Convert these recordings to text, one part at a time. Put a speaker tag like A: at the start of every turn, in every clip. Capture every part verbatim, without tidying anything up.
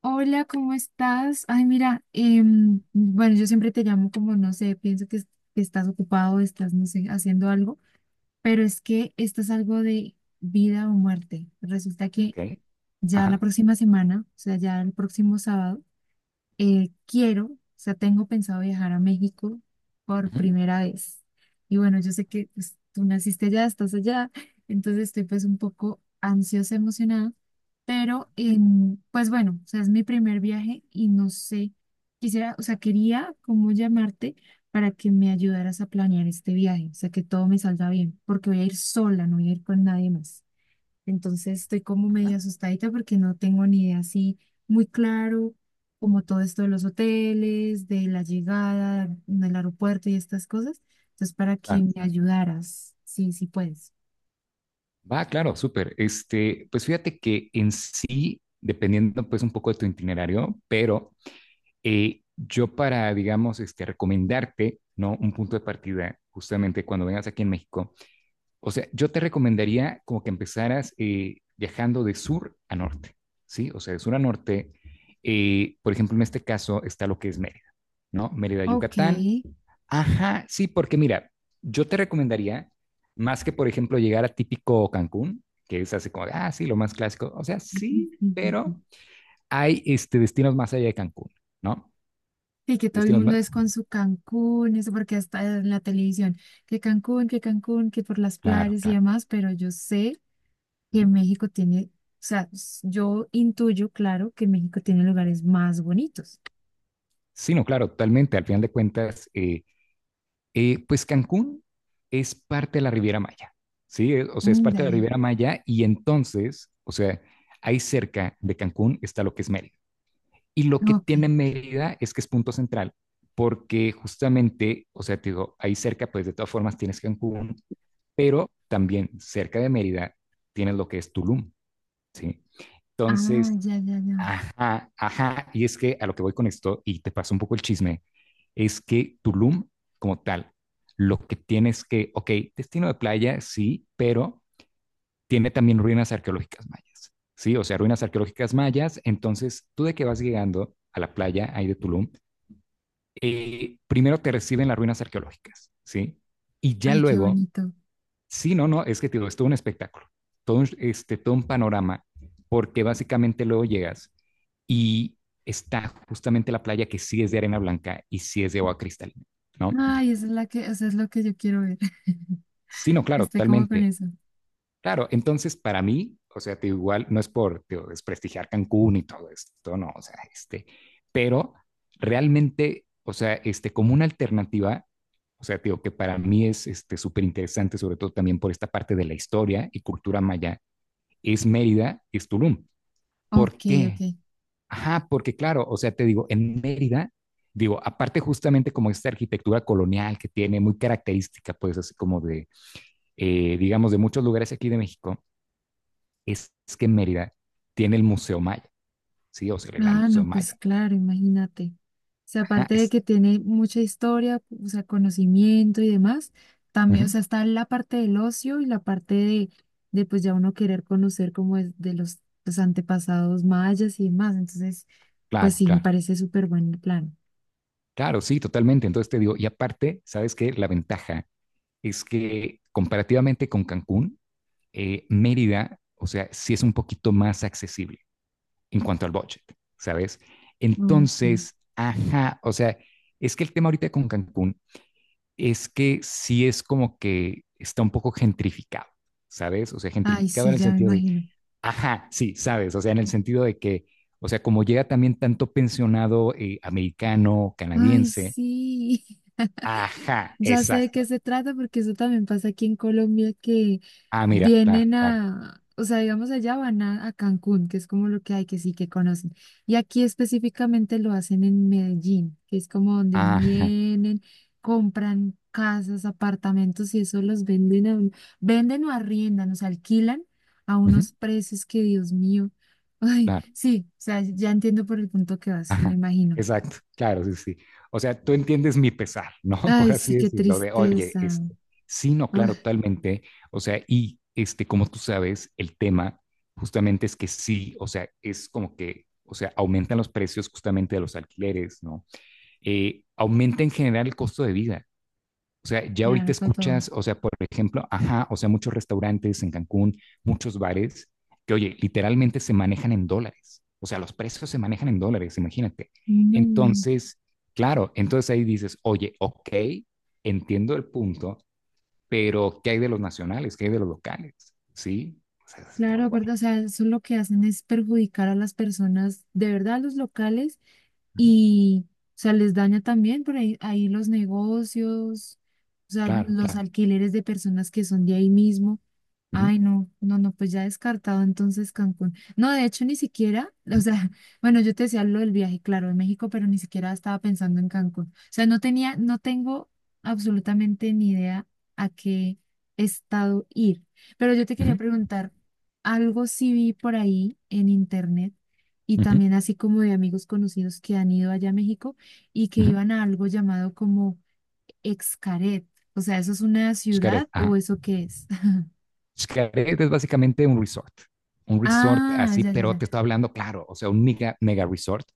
A: Hola, ¿cómo estás? Ay, mira, em, bueno, yo siempre te llamo como, no sé, pienso que, es- que estás ocupado, estás, no sé, haciendo algo, pero es que esto es algo de vida o muerte. Resulta que
B: Ok,
A: ya la
B: ajá,
A: próxima semana, o sea, ya el próximo sábado, eh, quiero, o sea, tengo pensado viajar a México por
B: ujú,
A: primera vez. Y bueno, yo sé que pues, tú naciste allá, estás allá, entonces estoy pues un poco ansiosa, emocionada, pero em, pues bueno, o sea, es mi primer viaje y no sé, quisiera, o sea, quería como llamarte para que me ayudaras a planear este viaje, o sea, que todo me salga bien, porque voy a ir sola, no voy a ir con nadie más. Entonces estoy como
B: ajá,
A: medio asustadita porque no tengo ni idea así muy claro como todo esto de los hoteles, de la llegada, del aeropuerto y estas cosas. Entonces para que
B: claro,
A: me
B: claro.
A: ayudaras, sí, sí puedes.
B: Va, claro, súper. Este, pues fíjate que en sí, dependiendo pues un poco de tu itinerario, pero eh, yo para, digamos, este, recomendarte, ¿no? Un punto de partida, justamente cuando vengas aquí en México, o sea, yo te recomendaría como que empezaras eh, viajando de sur a norte, ¿sí? O sea, de sur a norte, eh, por ejemplo, en este caso está lo que es Mérida, ¿no? Mérida,
A: Ok.
B: Yucatán. Ajá, sí, porque mira, yo te recomendaría, más que por ejemplo llegar a típico Cancún, que es así como, de, ah, sí, lo más clásico, o sea, sí,
A: Ujú.
B: pero hay este, destinos más allá de Cancún, ¿no?
A: Y que todo el
B: Destinos
A: mundo
B: más,
A: es con su Cancún, eso porque hasta en la televisión, que Cancún, que Cancún, que por las
B: claro,
A: playas y
B: claro.
A: demás, pero yo sé que
B: Ujú.
A: México tiene, o sea, s- yo intuyo, claro, que México tiene lugares más bonitos.
B: Sí, no, claro, totalmente, al final de cuentas, eh, eh, pues Cancún es parte de la Riviera Maya, ¿sí? Eh, O sea, es
A: Mm, ya,
B: parte de la
A: ya,
B: Riviera Maya y entonces, o sea, ahí cerca de Cancún está lo que es Mérida. Y lo que
A: ok.
B: tiene Mérida es que es punto central, porque justamente, o sea, te digo, ahí cerca, pues de todas formas tienes Cancún, pero también cerca de Mérida tienes lo que es Tulum, ¿sí?
A: Ah,
B: Entonces,
A: ya, ya, ya.
B: ajá, ajá, y es que a lo que voy con esto, y te paso un poco el chisme, es que Tulum como tal, lo que tienes que, ok, destino de playa, sí, pero tiene también ruinas arqueológicas mayas, ¿sí? O sea, ruinas arqueológicas mayas. Entonces, tú de que vas llegando a la playa ahí de Tulum, eh, primero te reciben las ruinas arqueológicas, ¿sí? Y ya
A: Ay, qué
B: luego,
A: bonito.
B: sí, no, no, es que tío, es todo un espectáculo, todo un, este, todo un panorama, porque básicamente luego llegas y está justamente la playa que sí es de arena blanca y sí es de agua cristalina, ¿no?
A: Ay, esa es la que, o sea, es lo que yo quiero ver.
B: Sí, no, claro,
A: Estoy como con
B: totalmente.
A: eso.
B: Claro, entonces para mí, o sea, te digo, igual no es por te digo, desprestigiar Cancún y todo esto, no, o sea, este, pero realmente, o sea, este, como una alternativa, o sea, te digo que para mí es este súper interesante, sobre todo también por esta parte de la historia y cultura maya, es Mérida, es Tulum. ¿Por
A: Ok, ok.
B: qué? Ajá, porque claro, o sea, te digo, en Mérida, digo, aparte justamente como esta arquitectura colonial que tiene muy característica, pues así como de, eh, digamos, de muchos lugares aquí de México, es que Mérida tiene el Museo Maya, ¿sí? O sea, el Gran
A: Ah,
B: Museo
A: no, pues
B: Maya.
A: claro, imagínate. O sea,
B: Ajá,
A: aparte de
B: es,
A: que tiene mucha historia, o sea, conocimiento y demás,
B: uh
A: también, o
B: -huh.
A: sea, está la parte del ocio y la parte de, de pues ya uno querer conocer como es de los, los antepasados mayas y demás. Entonces, pues
B: Claro,
A: sí, me
B: claro,
A: parece súper buen plan.
B: claro, sí, totalmente. Entonces te digo, y aparte, ¿sabes qué? La ventaja es que comparativamente con Cancún, eh, Mérida, o sea, sí es un poquito más accesible en cuanto al budget, ¿sabes?
A: Ok.
B: Entonces, ajá, o sea, es que el tema ahorita con Cancún es que sí es como que está un poco gentrificado, ¿sabes? O sea,
A: Ay,
B: gentrificado
A: sí,
B: en el
A: ya me
B: sentido de,
A: imagino.
B: ajá, sí, sabes, o sea, en el sentido de que, o sea, como llega también tanto pensionado eh, americano,
A: Ay,
B: canadiense,
A: sí.
B: ajá,
A: Ya sé de qué
B: exacto.
A: se trata porque eso también pasa aquí en Colombia que
B: Ah, mira, claro,
A: vienen
B: claro,
A: a, o sea, digamos allá van a, a Cancún, que es como lo que hay, que sí que conocen. Y aquí específicamente lo hacen en Medellín, que es como donde
B: ajá,
A: vienen, compran casas, apartamentos y eso los venden a un- venden o arriendan, o sea, alquilan a
B: ujú,
A: unos precios que, Dios mío. Ay,
B: claro,
A: sí, o sea, ya entiendo por el punto que vas, me
B: ajá,
A: imagino.
B: exacto, claro, sí, sí. O sea, tú entiendes mi pesar, ¿no? Por
A: Ay, sí,
B: así
A: qué
B: decirlo, de, oye,
A: tristeza.
B: este, sí, no,
A: Uf,
B: claro, totalmente. O sea, y este, como tú sabes, el tema justamente es que sí, o sea, es como que, o sea, aumentan los precios justamente de los alquileres, ¿no? eh, aumenta en general el costo de vida. O sea, ya
A: me
B: ahorita
A: agotó todo.
B: escuchas, o sea, por ejemplo, ajá, o sea, muchos restaurantes en Cancún, muchos bares, que oye, literalmente se manejan en dólares. O sea, los precios se manejan en dólares, imagínate.
A: No.
B: Entonces, claro, entonces ahí dices, oye, ok, entiendo el punto, pero ¿qué hay de los nacionales? ¿Qué hay de los locales? ¿Sí? O sea, es
A: Claro,
B: como de, guay.
A: aparte, o sea, eso lo que hacen es perjudicar a las personas, de verdad, a los locales, y, o sea, les daña también por ahí, ahí los negocios, o sea,
B: Claro,
A: los
B: claro.
A: alquileres de personas que son de ahí mismo.
B: Ujú,
A: Ay, no, no, no, pues ya descartado entonces Cancún. No, de hecho, ni siquiera, o
B: ujú,
A: sea, bueno, yo te decía lo del viaje, claro, de México, pero ni siquiera estaba pensando en Cancún. O sea, no tenía, no tengo absolutamente ni idea a qué estado ir. Pero yo te quería
B: ujú,
A: preguntar. Algo sí vi por ahí en internet y
B: ujú,
A: también así como de amigos conocidos que han ido allá a México y que
B: ujú.
A: iban a algo llamado como Xcaret. O sea, ¿eso es una
B: Es que,
A: ciudad o
B: ajá.
A: eso qué es?
B: Xcaret es básicamente un resort, un resort
A: Ah,
B: así,
A: ya, ya,
B: pero
A: ya.
B: te estoy hablando, claro, o sea, un mega, mega resort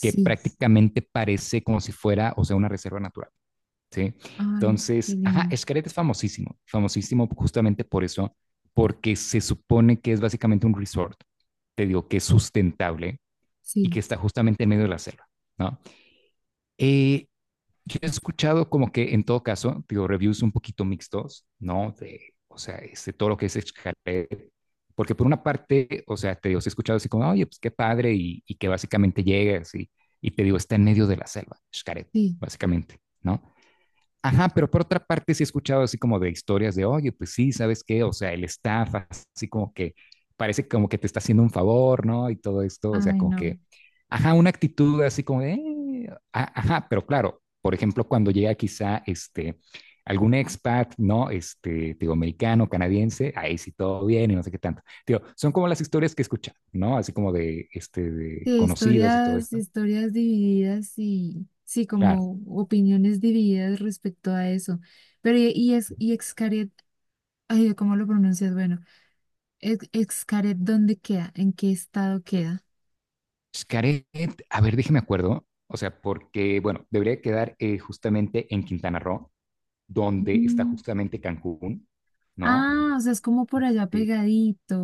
B: que prácticamente parece como si fuera, o sea, una reserva natural, ¿sí?
A: Ay, qué
B: Entonces, ajá,
A: lindo.
B: Xcaret es famosísimo, famosísimo justamente por eso, porque se supone que es básicamente un resort, te digo, que es sustentable y
A: Sí,
B: que está justamente en medio de la selva, ¿no? Eh, yo he escuchado como que en todo caso, digo, reviews un poquito mixtos, ¿no? De, o sea, este, todo lo que es Xcaret, porque por una parte, o sea, te digo, sí he escuchado así como, oye, pues qué padre, y, y que básicamente llegas y, y te digo, está en medio de la selva, Xcaret,
A: sí.
B: básicamente, ¿no? Ajá, pero por otra parte sí he escuchado así como de historias de, oye, pues sí, ¿sabes qué? O sea, el staff así como que parece como que te está haciendo un favor, ¿no? Y todo esto, o sea,
A: Ay,
B: como
A: no.
B: que, ajá, una actitud así como de, eh, a- ajá, pero claro, por ejemplo, cuando llega quizá este, algún expat, ¿no? Este, digo, americano, canadiense, ahí sí todo bien y no sé qué tanto. Digo, son como las historias que escuchan, ¿no? Así como de, este, de
A: Sí,
B: conocidos y todo
A: historias,
B: esto.
A: historias divididas y sí,
B: Claro.
A: como opiniones divididas respecto a eso. Pero y, y es y Xcaret, ay, ¿cómo lo pronuncias? Bueno. Ex- Xcaret, ¿dónde queda? ¿En qué estado queda?
B: Xcaret, a ver, déjeme acuerdo. O sea, porque, bueno, debería quedar eh, justamente en Quintana Roo, donde está
A: Mm,
B: justamente Cancún, ¿no?
A: ah, o sea, es como por allá
B: Este,
A: pegadito.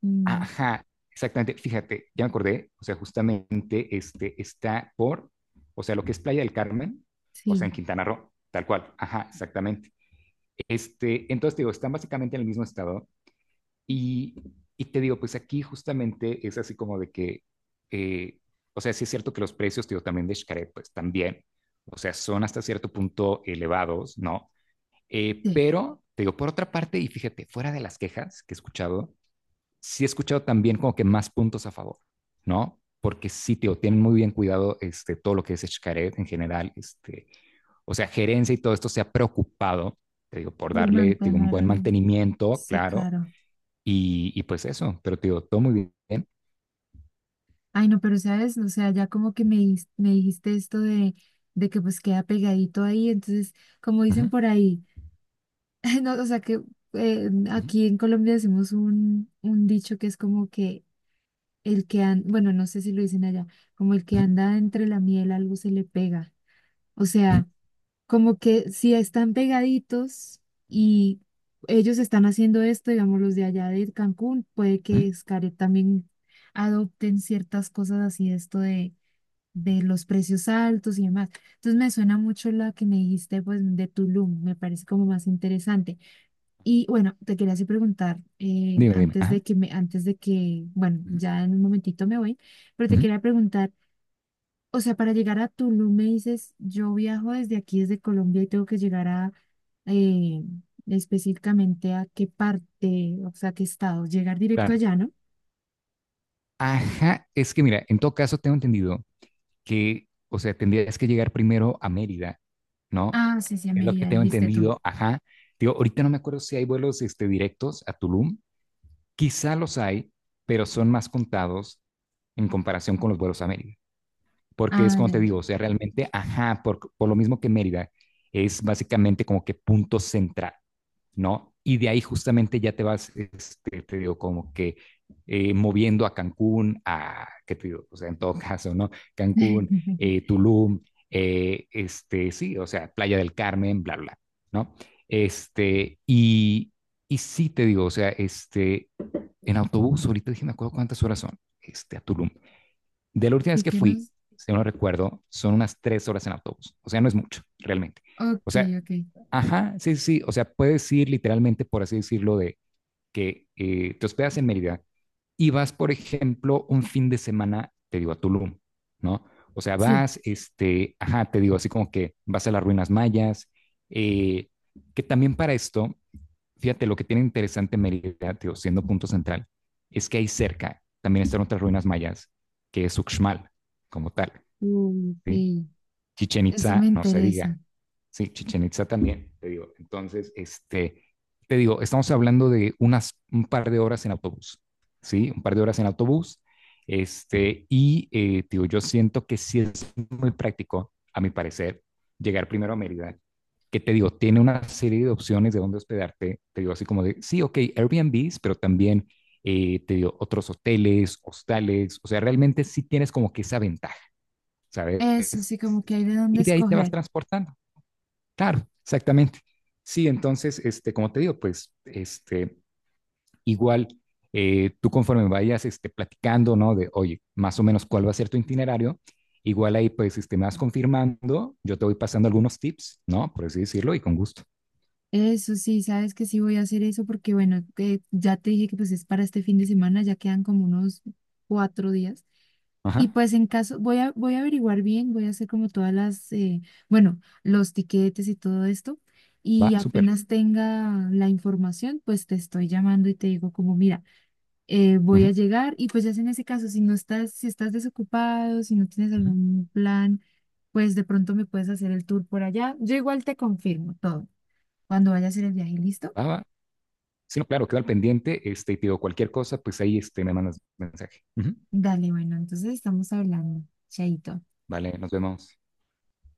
A: Mm,
B: ajá, exactamente. Fíjate, ya me acordé. O sea, justamente este, está por, o sea, lo que es Playa del Carmen, o sea,
A: sí,
B: en Quintana Roo, tal cual. Ajá, exactamente. Este, entonces, te digo, están básicamente en el mismo estado. Y, y te digo, pues aquí justamente es así como de que, eh, o sea, sí es cierto que los precios, te digo, también de Xcaret, pues también, o sea, son hasta cierto punto elevados, ¿no? Eh,
A: sí,
B: pero, te digo, por otra parte, y fíjate, fuera de las quejas que he escuchado, sí he escuchado también como que más puntos a favor, ¿no? Porque sí, te digo, tienen muy bien cuidado este, todo lo que es Xcaret en general, este, o sea, gerencia y todo esto se ha preocupado, te digo, por
A: por
B: darle te digo, un
A: mantener
B: buen
A: el...
B: mantenimiento,
A: Sí,
B: claro,
A: claro.
B: y, y pues eso, pero te digo, todo muy bien.
A: Ay, no, pero sabes, o sea, ya como que me, dis- me dijiste esto de, de que pues queda pegadito ahí, entonces, como dicen
B: Ujú,
A: por ahí, no, o sea, que eh,
B: ujú,
A: aquí en Colombia decimos un, un dicho que es como que el que anda, bueno, no sé si lo dicen allá, como el que
B: ujú,
A: anda entre la miel algo se le pega. O
B: ujú,
A: sea... como que si están pegaditos
B: ujú,
A: y ellos están haciendo esto, digamos, los de allá de Cancún, puede
B: ujú.
A: que Xcaret también adopten ciertas cosas así, esto de, de los precios altos y demás. Entonces me suena mucho la que me dijiste, pues, de Tulum, me parece como más interesante. Y bueno, te quería así preguntar, eh,
B: Dime, dime.
A: antes
B: Ajá.
A: de que me, antes de que, bueno,
B: Ujú,
A: ya en un momentito me voy, pero te
B: ujú,
A: quería preguntar, o sea, para llegar a Tulum me dices, yo viajo desde aquí, desde Colombia, y tengo que llegar a eh, específicamente a qué parte, o sea, qué estado, llegar directo
B: claro.
A: allá, ¿no?
B: Ajá, es que mira, en todo caso tengo entendido que, o sea, tendrías que llegar primero a Mérida, ¿no?
A: Ah, sí, sí, a
B: Es lo que
A: Mérida,
B: tengo
A: dijiste tú.
B: entendido, ajá. Digo, ahorita no me acuerdo si hay vuelos este, directos a Tulum. Quizá los hay, pero son más contados en comparación con los vuelos a Mérida. Porque es
A: Ah,
B: como
A: ya,
B: te
A: ya.
B: digo, o sea, realmente, ajá, por, por lo mismo que Mérida, es básicamente como que punto central, ¿no? Y de ahí justamente ya te vas, este, te digo, como que eh, moviendo a Cancún, a, ¿qué te digo? O sea, en todo caso, ¿no? Cancún, eh, Tulum, eh, este, sí, o sea, Playa del Carmen, bla, bla, ¿no? Este, y, y sí te digo, o sea, este, en autobús, ahorita dije, me acuerdo cuántas horas son, este, a Tulum, de la última vez
A: Sí
B: que
A: que
B: fui,
A: nos.
B: si no recuerdo, son unas tres horas en autobús. O sea, no es mucho, realmente.
A: Ok,
B: O sea,
A: ok.
B: ajá, sí, sí, sí. O sea, puedes ir literalmente, por así decirlo, de que eh, te hospedas en Mérida y vas, por ejemplo, un fin de semana, te digo, a Tulum, ¿no? O sea,
A: Sí.
B: vas, este, ajá, te digo, así como que vas a las ruinas mayas, eh, que también para esto fíjate, lo que tiene interesante Mérida, tío, siendo punto central, es que ahí cerca también están otras ruinas mayas, que es Uxmal, como tal. ¿Sí?
A: Ok.
B: Chichen
A: Eso me
B: Itza, no se
A: interesa.
B: diga. Sí, Chichen Itza también, te digo. Entonces, este, te digo, estamos hablando de unas, un par de horas en autobús, ¿sí? Un par de horas en autobús. Este, y, eh, tío, yo siento que sí es muy práctico, a mi parecer, llegar primero a Mérida que te digo, tiene una serie de opciones de dónde hospedarte. Te digo así como de, sí, ok, Airbnbs, pero también eh, te digo otros hoteles, hostales. O sea, realmente sí tienes como que esa ventaja, ¿sabes?
A: Eso sí, como que hay de dónde
B: Y de ahí te vas
A: escoger.
B: transportando. Claro, exactamente. Sí, entonces, este, como te digo, pues, este, igual, eh, tú conforme vayas, este, platicando, ¿no? De, oye, más o menos cuál va a ser tu itinerario, igual ahí, pues, este, me vas confirmando, yo te voy pasando algunos tips, ¿no? Por así decirlo, y con gusto.
A: Eso sí, sabes que sí voy a hacer eso porque, bueno, que ya te dije que pues es para este fin de semana, ya quedan como unos cuatro días. Y
B: Ajá,
A: pues en caso, voy a, voy a averiguar bien, voy a hacer como todas las, eh, bueno, los tiquetes y todo esto. Y
B: va, súper.
A: apenas tenga la información, pues te estoy llamando y te digo como, mira, eh, voy a
B: Ujú,
A: llegar. Y pues ya es en ese caso, si no estás, si estás desocupado, si no tienes
B: ujú.
A: algún plan, pues de pronto me puedes hacer el tour por allá. Yo igual te confirmo todo. Cuando vaya a hacer el viaje, ¿listo?
B: Va, va. Sí, no, claro, quedo al pendiente. Este, y te digo, cualquier cosa, pues ahí este, me mandas mensaje. Ujú.
A: Dale, bueno, entonces estamos hablando. Chaito.
B: Vale, nos vemos.